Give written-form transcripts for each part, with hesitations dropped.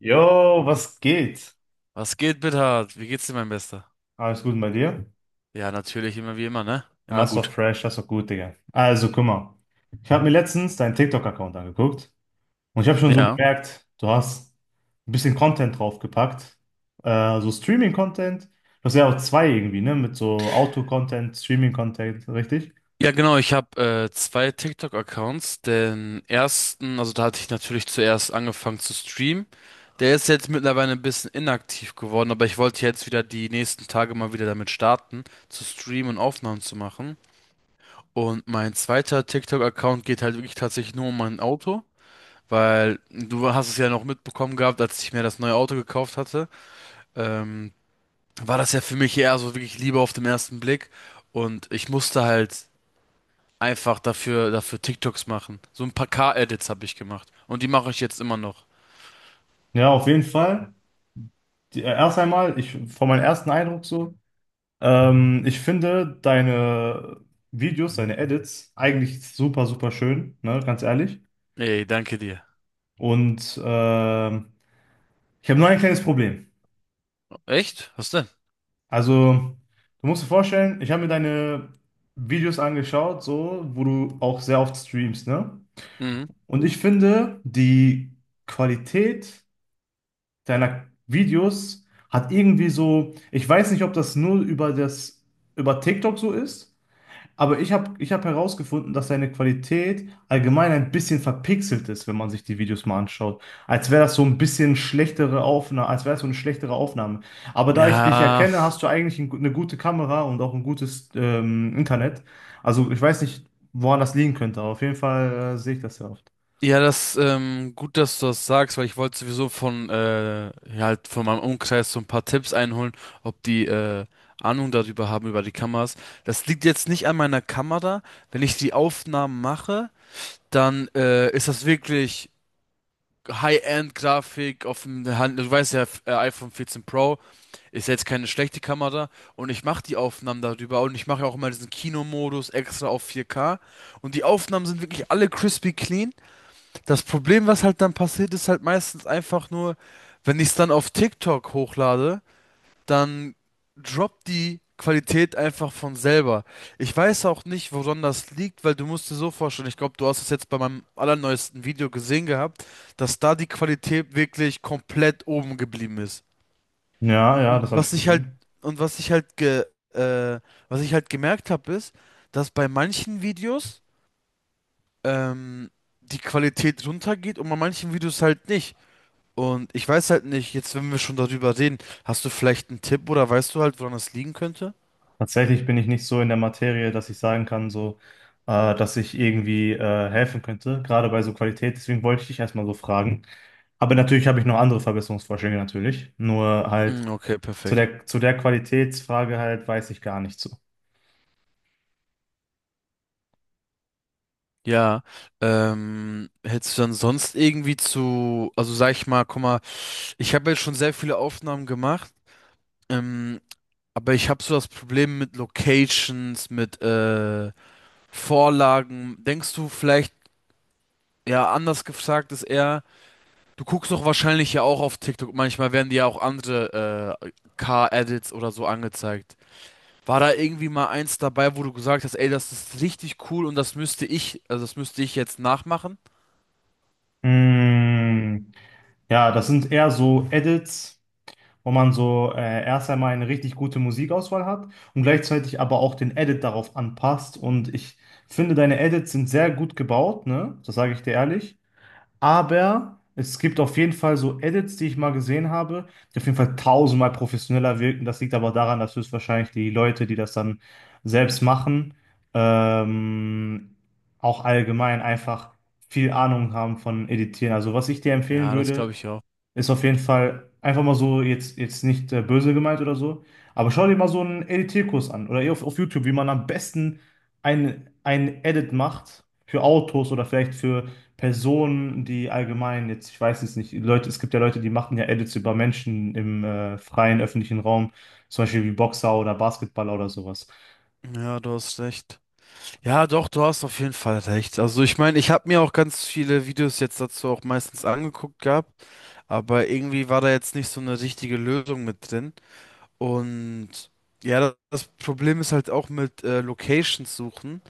Jo, was geht? Was geht, Bithard? Wie geht's dir, mein Bester? Alles gut bei dir? Ja, natürlich, immer wie immer, ne? Ah, Immer ist doch gut. fresh, das ist doch gut, Digga. Also, guck mal. Ich habe mir letztens deinen TikTok-Account angeguckt und ich habe schon so Ja. gemerkt, du hast ein bisschen Content draufgepackt. So Streaming-Content. Du hast ja auch zwei irgendwie, ne? Mit so Auto-Content, Streaming-Content, richtig? Ja, genau, ich habe zwei TikTok-Accounts. Den ersten, also da hatte ich natürlich zuerst angefangen zu streamen. Der ist jetzt mittlerweile ein bisschen inaktiv geworden, aber ich wollte jetzt wieder die nächsten Tage mal wieder damit starten, zu streamen und Aufnahmen zu machen. Und mein zweiter TikTok-Account geht halt wirklich tatsächlich nur um mein Auto, weil du hast es ja noch mitbekommen gehabt, als ich mir das neue Auto gekauft hatte. Ähm, war das ja für mich eher so wirklich Liebe auf den ersten Blick. Und ich musste halt einfach dafür TikToks machen. So ein paar K-Edits habe ich gemacht. Und die mache ich jetzt immer noch. Ja, auf jeden Fall. Erst einmal, ich, von meinem ersten Eindruck so, ich finde deine Videos, deine Edits eigentlich super, super schön, ne? Ganz ehrlich. Ey, danke dir. Und ich habe nur ein kleines Problem. Echt? Was denn? Also, du musst dir vorstellen, ich habe mir deine Videos angeschaut, so, wo du auch sehr oft streamst, ne? Mhm. Und ich finde, die Qualität deiner Videos hat irgendwie so, ich weiß nicht, ob das nur über TikTok so ist. Aber ich hab herausgefunden, dass seine Qualität allgemein ein bisschen verpixelt ist, wenn man sich die Videos mal anschaut. Als wäre das so ein bisschen schlechtere Aufnahme, als wäre es so eine schlechtere Aufnahme. Aber da ich dich Ja, erkenne, hast du eigentlich eine gute Kamera und auch ein gutes Internet. Also ich weiß nicht, woran das liegen könnte, aber auf jeden Fall sehe ich das ja oft. ja, gut, dass du das sagst, weil ich wollte sowieso halt von meinem Umkreis so ein paar Tipps einholen, ob die Ahnung darüber haben, über die Kameras. Das liegt jetzt nicht an meiner Kamera. Wenn ich die Aufnahmen mache, dann ist das wirklich High-End-Grafik auf dem Hand. Du weißt ja, iPhone 14 Pro ist jetzt keine schlechte Kamera und ich mache die Aufnahmen darüber und ich mache auch immer diesen Kinomodus extra auf 4K und die Aufnahmen sind wirklich alle crispy clean. Das Problem, was halt dann passiert, ist halt meistens einfach nur, wenn ich es dann auf TikTok hochlade, dann droppt die Qualität einfach von selber. Ich weiß auch nicht, woran das liegt, weil du musst dir so vorstellen, ich glaube, du hast es jetzt bei meinem allerneuesten Video gesehen gehabt, dass da die Qualität wirklich komplett oben geblieben ist. Ja, ja, Und das habe was ich ich halt, gesehen. und was ich halt ge, äh, Was ich halt gemerkt habe, ist, dass bei manchen Videos ähm, die Qualität runtergeht und bei manchen Videos halt nicht. Und ich weiß halt nicht, jetzt wenn wir schon darüber reden, hast du vielleicht einen Tipp oder weißt du halt, woran das liegen könnte? Tatsächlich bin ich nicht so in der Materie, dass ich sagen kann, so, dass ich irgendwie helfen könnte, gerade bei so Qualität. Deswegen wollte ich dich erstmal so fragen. Aber natürlich habe ich noch andere Verbesserungsvorschläge natürlich. Nur halt Mm. Okay, zu perfekt. der, zu der Qualitätsfrage halt weiß ich gar nicht so. Ja, hättest du dann sonst irgendwie zu, also sag ich mal, guck mal, ich habe jetzt schon sehr viele Aufnahmen gemacht, ähm, aber ich habe so das Problem mit Locations, mit Vorlagen. Denkst du vielleicht, ja, anders gefragt ist eher, du guckst doch wahrscheinlich ja auch auf TikTok, manchmal werden dir ja auch andere Car-Edits oder so angezeigt. War da irgendwie mal eins dabei, wo du gesagt hast, ey, das ist richtig cool und das müsste ich jetzt nachmachen? Mm, ja, das sind eher so Edits, wo man so erst einmal eine richtig gute Musikauswahl hat und gleichzeitig aber auch den Edit darauf anpasst. Und ich finde, deine Edits sind sehr gut gebaut, ne? Das sage ich dir ehrlich. Aber es gibt auf jeden Fall so Edits, die ich mal gesehen habe, die auf jeden Fall tausendmal professioneller wirken. Das liegt aber daran, dass höchstwahrscheinlich die Leute, die das dann selbst machen, ähm, auch allgemein einfach viel Ahnung haben von Editieren. Also was ich dir empfehlen Ja, das glaube würde, ich auch. ist auf jeden Fall einfach mal so jetzt nicht böse gemeint oder so. Aber schau dir mal so einen Editierkurs an oder eher auf YouTube, wie man am besten ein Edit macht für Autos oder vielleicht für Personen, die allgemein jetzt, ich weiß es nicht, Leute, es gibt ja Leute, die machen ja Edits über Menschen im freien öffentlichen Raum, zum Beispiel wie Boxer oder Basketballer oder sowas. Ja, du hast recht. Ja, doch, du hast auf jeden Fall recht. Also ich meine, ich habe mir auch ganz viele Videos jetzt dazu auch meistens angeguckt gehabt, aber irgendwie war da jetzt nicht so eine richtige Lösung mit drin. Und ja, das Problem ist halt auch mit Locations suchen,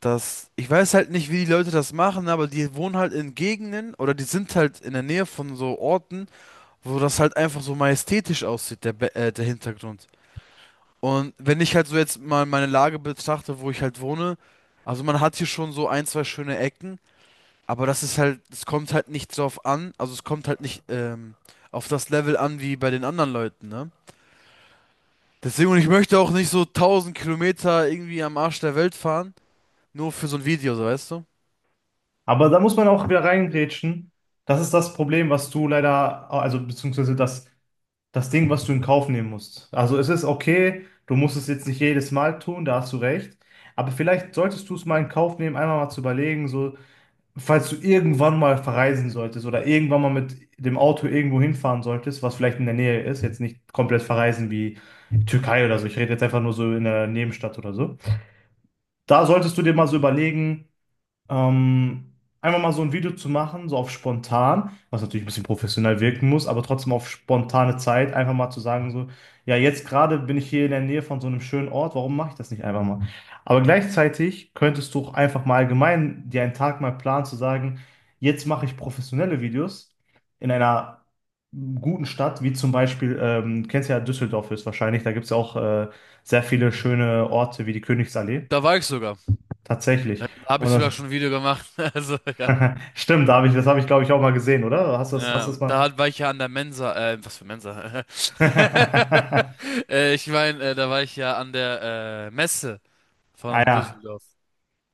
dass ich weiß halt nicht, wie die Leute das machen, aber die wohnen halt in Gegenden oder die sind halt in der Nähe von so Orten, wo das halt einfach so majestätisch aussieht, der Hintergrund. Und wenn ich halt so jetzt mal meine Lage betrachte, wo ich halt wohne, also man hat hier schon so ein, zwei schöne Ecken, aber es kommt halt nicht drauf an, also es kommt halt nicht auf das Level an wie bei den anderen Leuten, ne? Deswegen, und ich möchte auch nicht so 1000 Kilometer irgendwie am Arsch der Welt fahren, nur für so ein Video, so weißt du? Aber da muss man auch wieder reingrätschen. Das ist das Problem, was du leider, also beziehungsweise das Ding, was du in Kauf nehmen musst. Also es ist okay, du musst es jetzt nicht jedes Mal tun, da hast du recht. Aber vielleicht solltest du es mal in Kauf nehmen, einmal mal zu überlegen, so, falls du irgendwann mal verreisen solltest oder irgendwann mal mit dem Auto irgendwo hinfahren solltest, was vielleicht in der Nähe ist, jetzt nicht komplett verreisen wie Türkei oder so. Ich rede jetzt einfach nur so in der Nebenstadt oder so. Da solltest du dir mal so überlegen, ähm, einfach mal so ein Video zu machen, so auf spontan, was natürlich ein bisschen professionell wirken muss, aber trotzdem auf spontane Zeit, einfach mal zu sagen, so, ja, jetzt gerade bin ich hier in der Nähe von so einem schönen Ort, warum mache ich das nicht einfach mal? Aber gleichzeitig könntest du auch einfach mal allgemein dir einen Tag mal planen, zu sagen, jetzt mache ich professionelle Videos in einer guten Stadt, wie zum Beispiel, kennst ja Düsseldorf ist wahrscheinlich, da gibt es ja auch sehr viele schöne Orte wie die Königsallee. Da war ich sogar. Tatsächlich. Da habe Und ich sogar das, schon ein Video gemacht. Also ja. Stimmt, das habe ich, glaube ich, auch mal gesehen, oder? Hast du Ja das mal? War ich ja an der Mensa. Was für Mensa? Ich meine, da war ich ja an der Messe. Ah Von ja, Düsseldorf.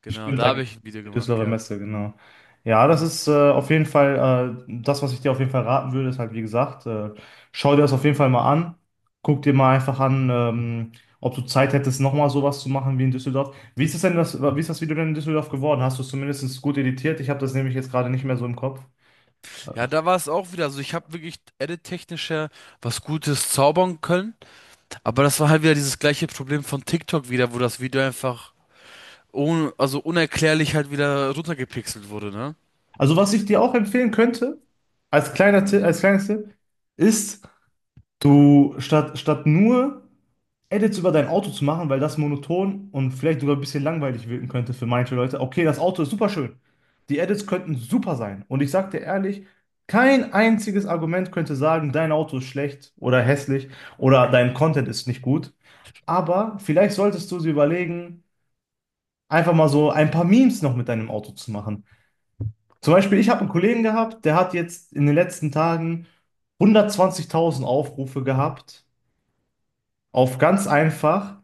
Genau, stimmt, da da habe gibt ich ein Video die gemacht Düsseldorfer gehabt. Messe, genau. Ja, das Ja. ist auf jeden Fall, das, was ich dir auf jeden Fall raten würde, ist halt, wie gesagt, schau dir das auf jeden Fall mal an. Guck dir mal einfach an, ob du Zeit hättest, nochmal sowas zu machen wie in Düsseldorf. Wie ist das Video denn in Düsseldorf geworden? Hast du es zumindest gut editiert? Ich habe das nämlich jetzt gerade nicht mehr so im Kopf. Äh, Ja, da war es auch wieder. Also ich habe wirklich edit-technisch ja was Gutes zaubern können. Aber das war halt wieder dieses gleiche Problem von TikTok wieder, wo das Video einfach un also unerklärlich halt wieder runtergepixelt wurde, ne? Also, was ich dir auch empfehlen könnte, als kleiner Tipp, als kleines Tipp, ist du, statt nur Edits über dein Auto zu machen, weil das monoton und vielleicht sogar ein bisschen langweilig wirken könnte für manche Leute. Okay, das Auto ist super schön. Die Edits könnten super sein. Und ich sag dir ehrlich, kein einziges Argument könnte sagen, dein Auto ist schlecht oder hässlich oder dein Content ist nicht gut. Aber vielleicht solltest du sie überlegen, einfach mal so ein paar Memes noch mit deinem Auto zu machen. Zum Beispiel, ich habe einen Kollegen gehabt, der hat jetzt in den letzten Tagen 120.000 Aufrufe gehabt auf ganz einfach,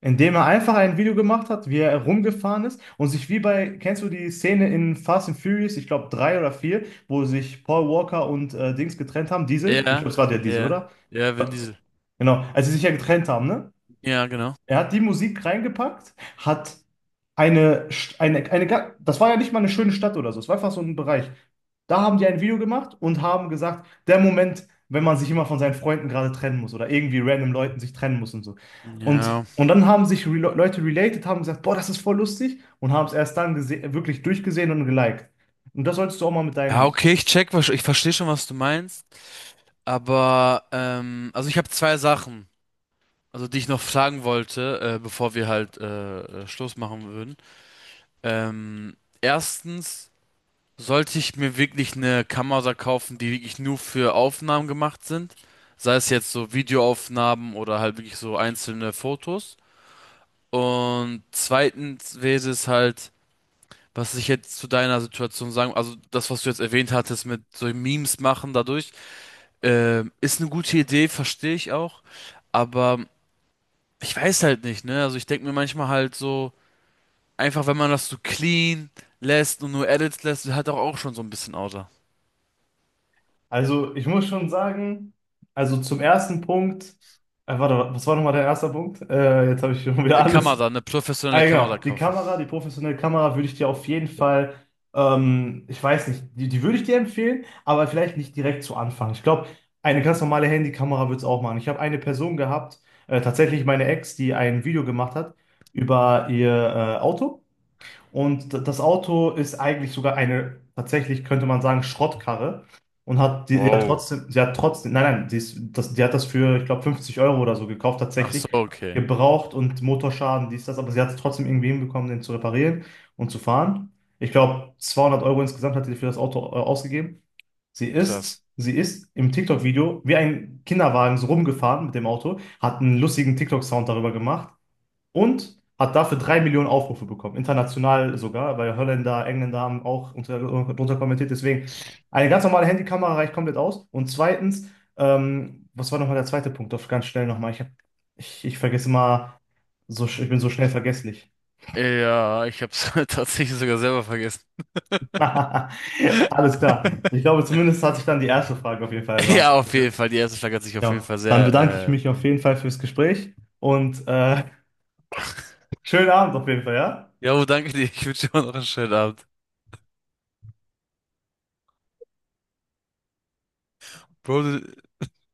indem er einfach ein Video gemacht hat, wie er rumgefahren ist und sich wie bei, kennst du die Szene in Fast and Furious, ich glaube drei oder vier, wo sich Paul Walker und Dings getrennt haben, Diesel? Ich Ja, glaube, es war der Diesel, ja. oder? Ja, Vin Diesel. Genau, als sie sich ja getrennt haben, ne? Ja, genau. Er hat die Musik reingepackt, hat eine, St- eine, ga- das war ja nicht mal eine schöne Stadt oder so, es war einfach so ein Bereich. Da haben die ein Video gemacht und haben gesagt, der Moment, wenn man sich immer von seinen Freunden gerade trennen muss oder irgendwie random Leuten sich trennen muss und so. Und, Ja. und dann haben sich Leute related, haben gesagt, boah, das ist voll lustig und haben es erst dann wirklich durchgesehen und geliked. Und das solltest du auch mal mit deinen Ja, Videos machen. okay, ich check, ich verstehe schon, was du meinst. Aber, also ich habe zwei Sachen, also die ich noch fragen wollte, bevor wir halt Schluss machen würden. Erstens, sollte ich mir wirklich eine Kamera kaufen, die wirklich nur für Aufnahmen gemacht sind? Sei es jetzt so Videoaufnahmen oder halt wirklich so einzelne Fotos. Und zweitens wäre es halt, was ich jetzt zu deiner Situation sagen, also das, was du jetzt erwähnt hattest mit so Memes machen dadurch, ist eine gute Idee, verstehe ich auch. Aber ich weiß halt nicht, ne? Also ich denke mir manchmal halt so, einfach, wenn man das so clean lässt und nur Edits lässt, hat auch schon so ein bisschen Auto. Also ich muss schon sagen, also zum ersten Punkt, warte, was war nochmal der erste Punkt? Jetzt habe ich schon wieder alles. Kamera, eine Ah, professionelle ja, Kamera genau. Die kaufen. Kamera, die professionelle Kamera würde ich dir auf jeden Fall, ich weiß nicht, die würde ich dir empfehlen, aber vielleicht nicht direkt zu Anfang. Ich glaube, eine ganz normale Handykamera würde es auch machen. Ich habe eine Person gehabt, tatsächlich meine Ex, die ein Video gemacht hat über ihr Auto. Und das Auto ist eigentlich sogar eine, tatsächlich könnte man sagen, Schrottkarre. Und hat die hat Wow. trotzdem, sie hat trotzdem, nein, nein, die, ist, das, die hat das für, ich glaube, 50 Euro oder so gekauft, Ach so, tatsächlich. okay. Gebraucht und Motorschaden, dies, das, aber sie hat es trotzdem irgendwie hinbekommen, den zu reparieren und zu fahren. Ich glaube, 200 Euro insgesamt hat sie für das Auto ausgegeben. Sie Krass. ist, sie ist im TikTok-Video wie ein Kinderwagen so rumgefahren mit dem Auto, hat einen lustigen TikTok-Sound darüber gemacht und hat dafür drei Millionen Aufrufe bekommen, international sogar, weil Holländer, Engländer haben auch drunter kommentiert. Deswegen, eine ganz normale Handykamera reicht komplett aus. Und zweitens, was war nochmal der zweite Punkt? Doch ganz schnell nochmal. Ich vergesse mal, so, ich bin so schnell vergesslich. Ja, ich hab's tatsächlich sogar selber vergessen. Alles klar. Ich glaube, zumindest hat sich dann die erste Frage auf jeden Fall Ja, beantwortet. auf Ja, jeden Fall. Die erste Frage hat sich auf jeden ja, Fall dann bedanke ich sehr, mich auf jeden Fall fürs Gespräch und schönen Abend auf jeden Fall, ja? ja, danke dir. Ich wünsche dir noch einen schönen Abend. Bro,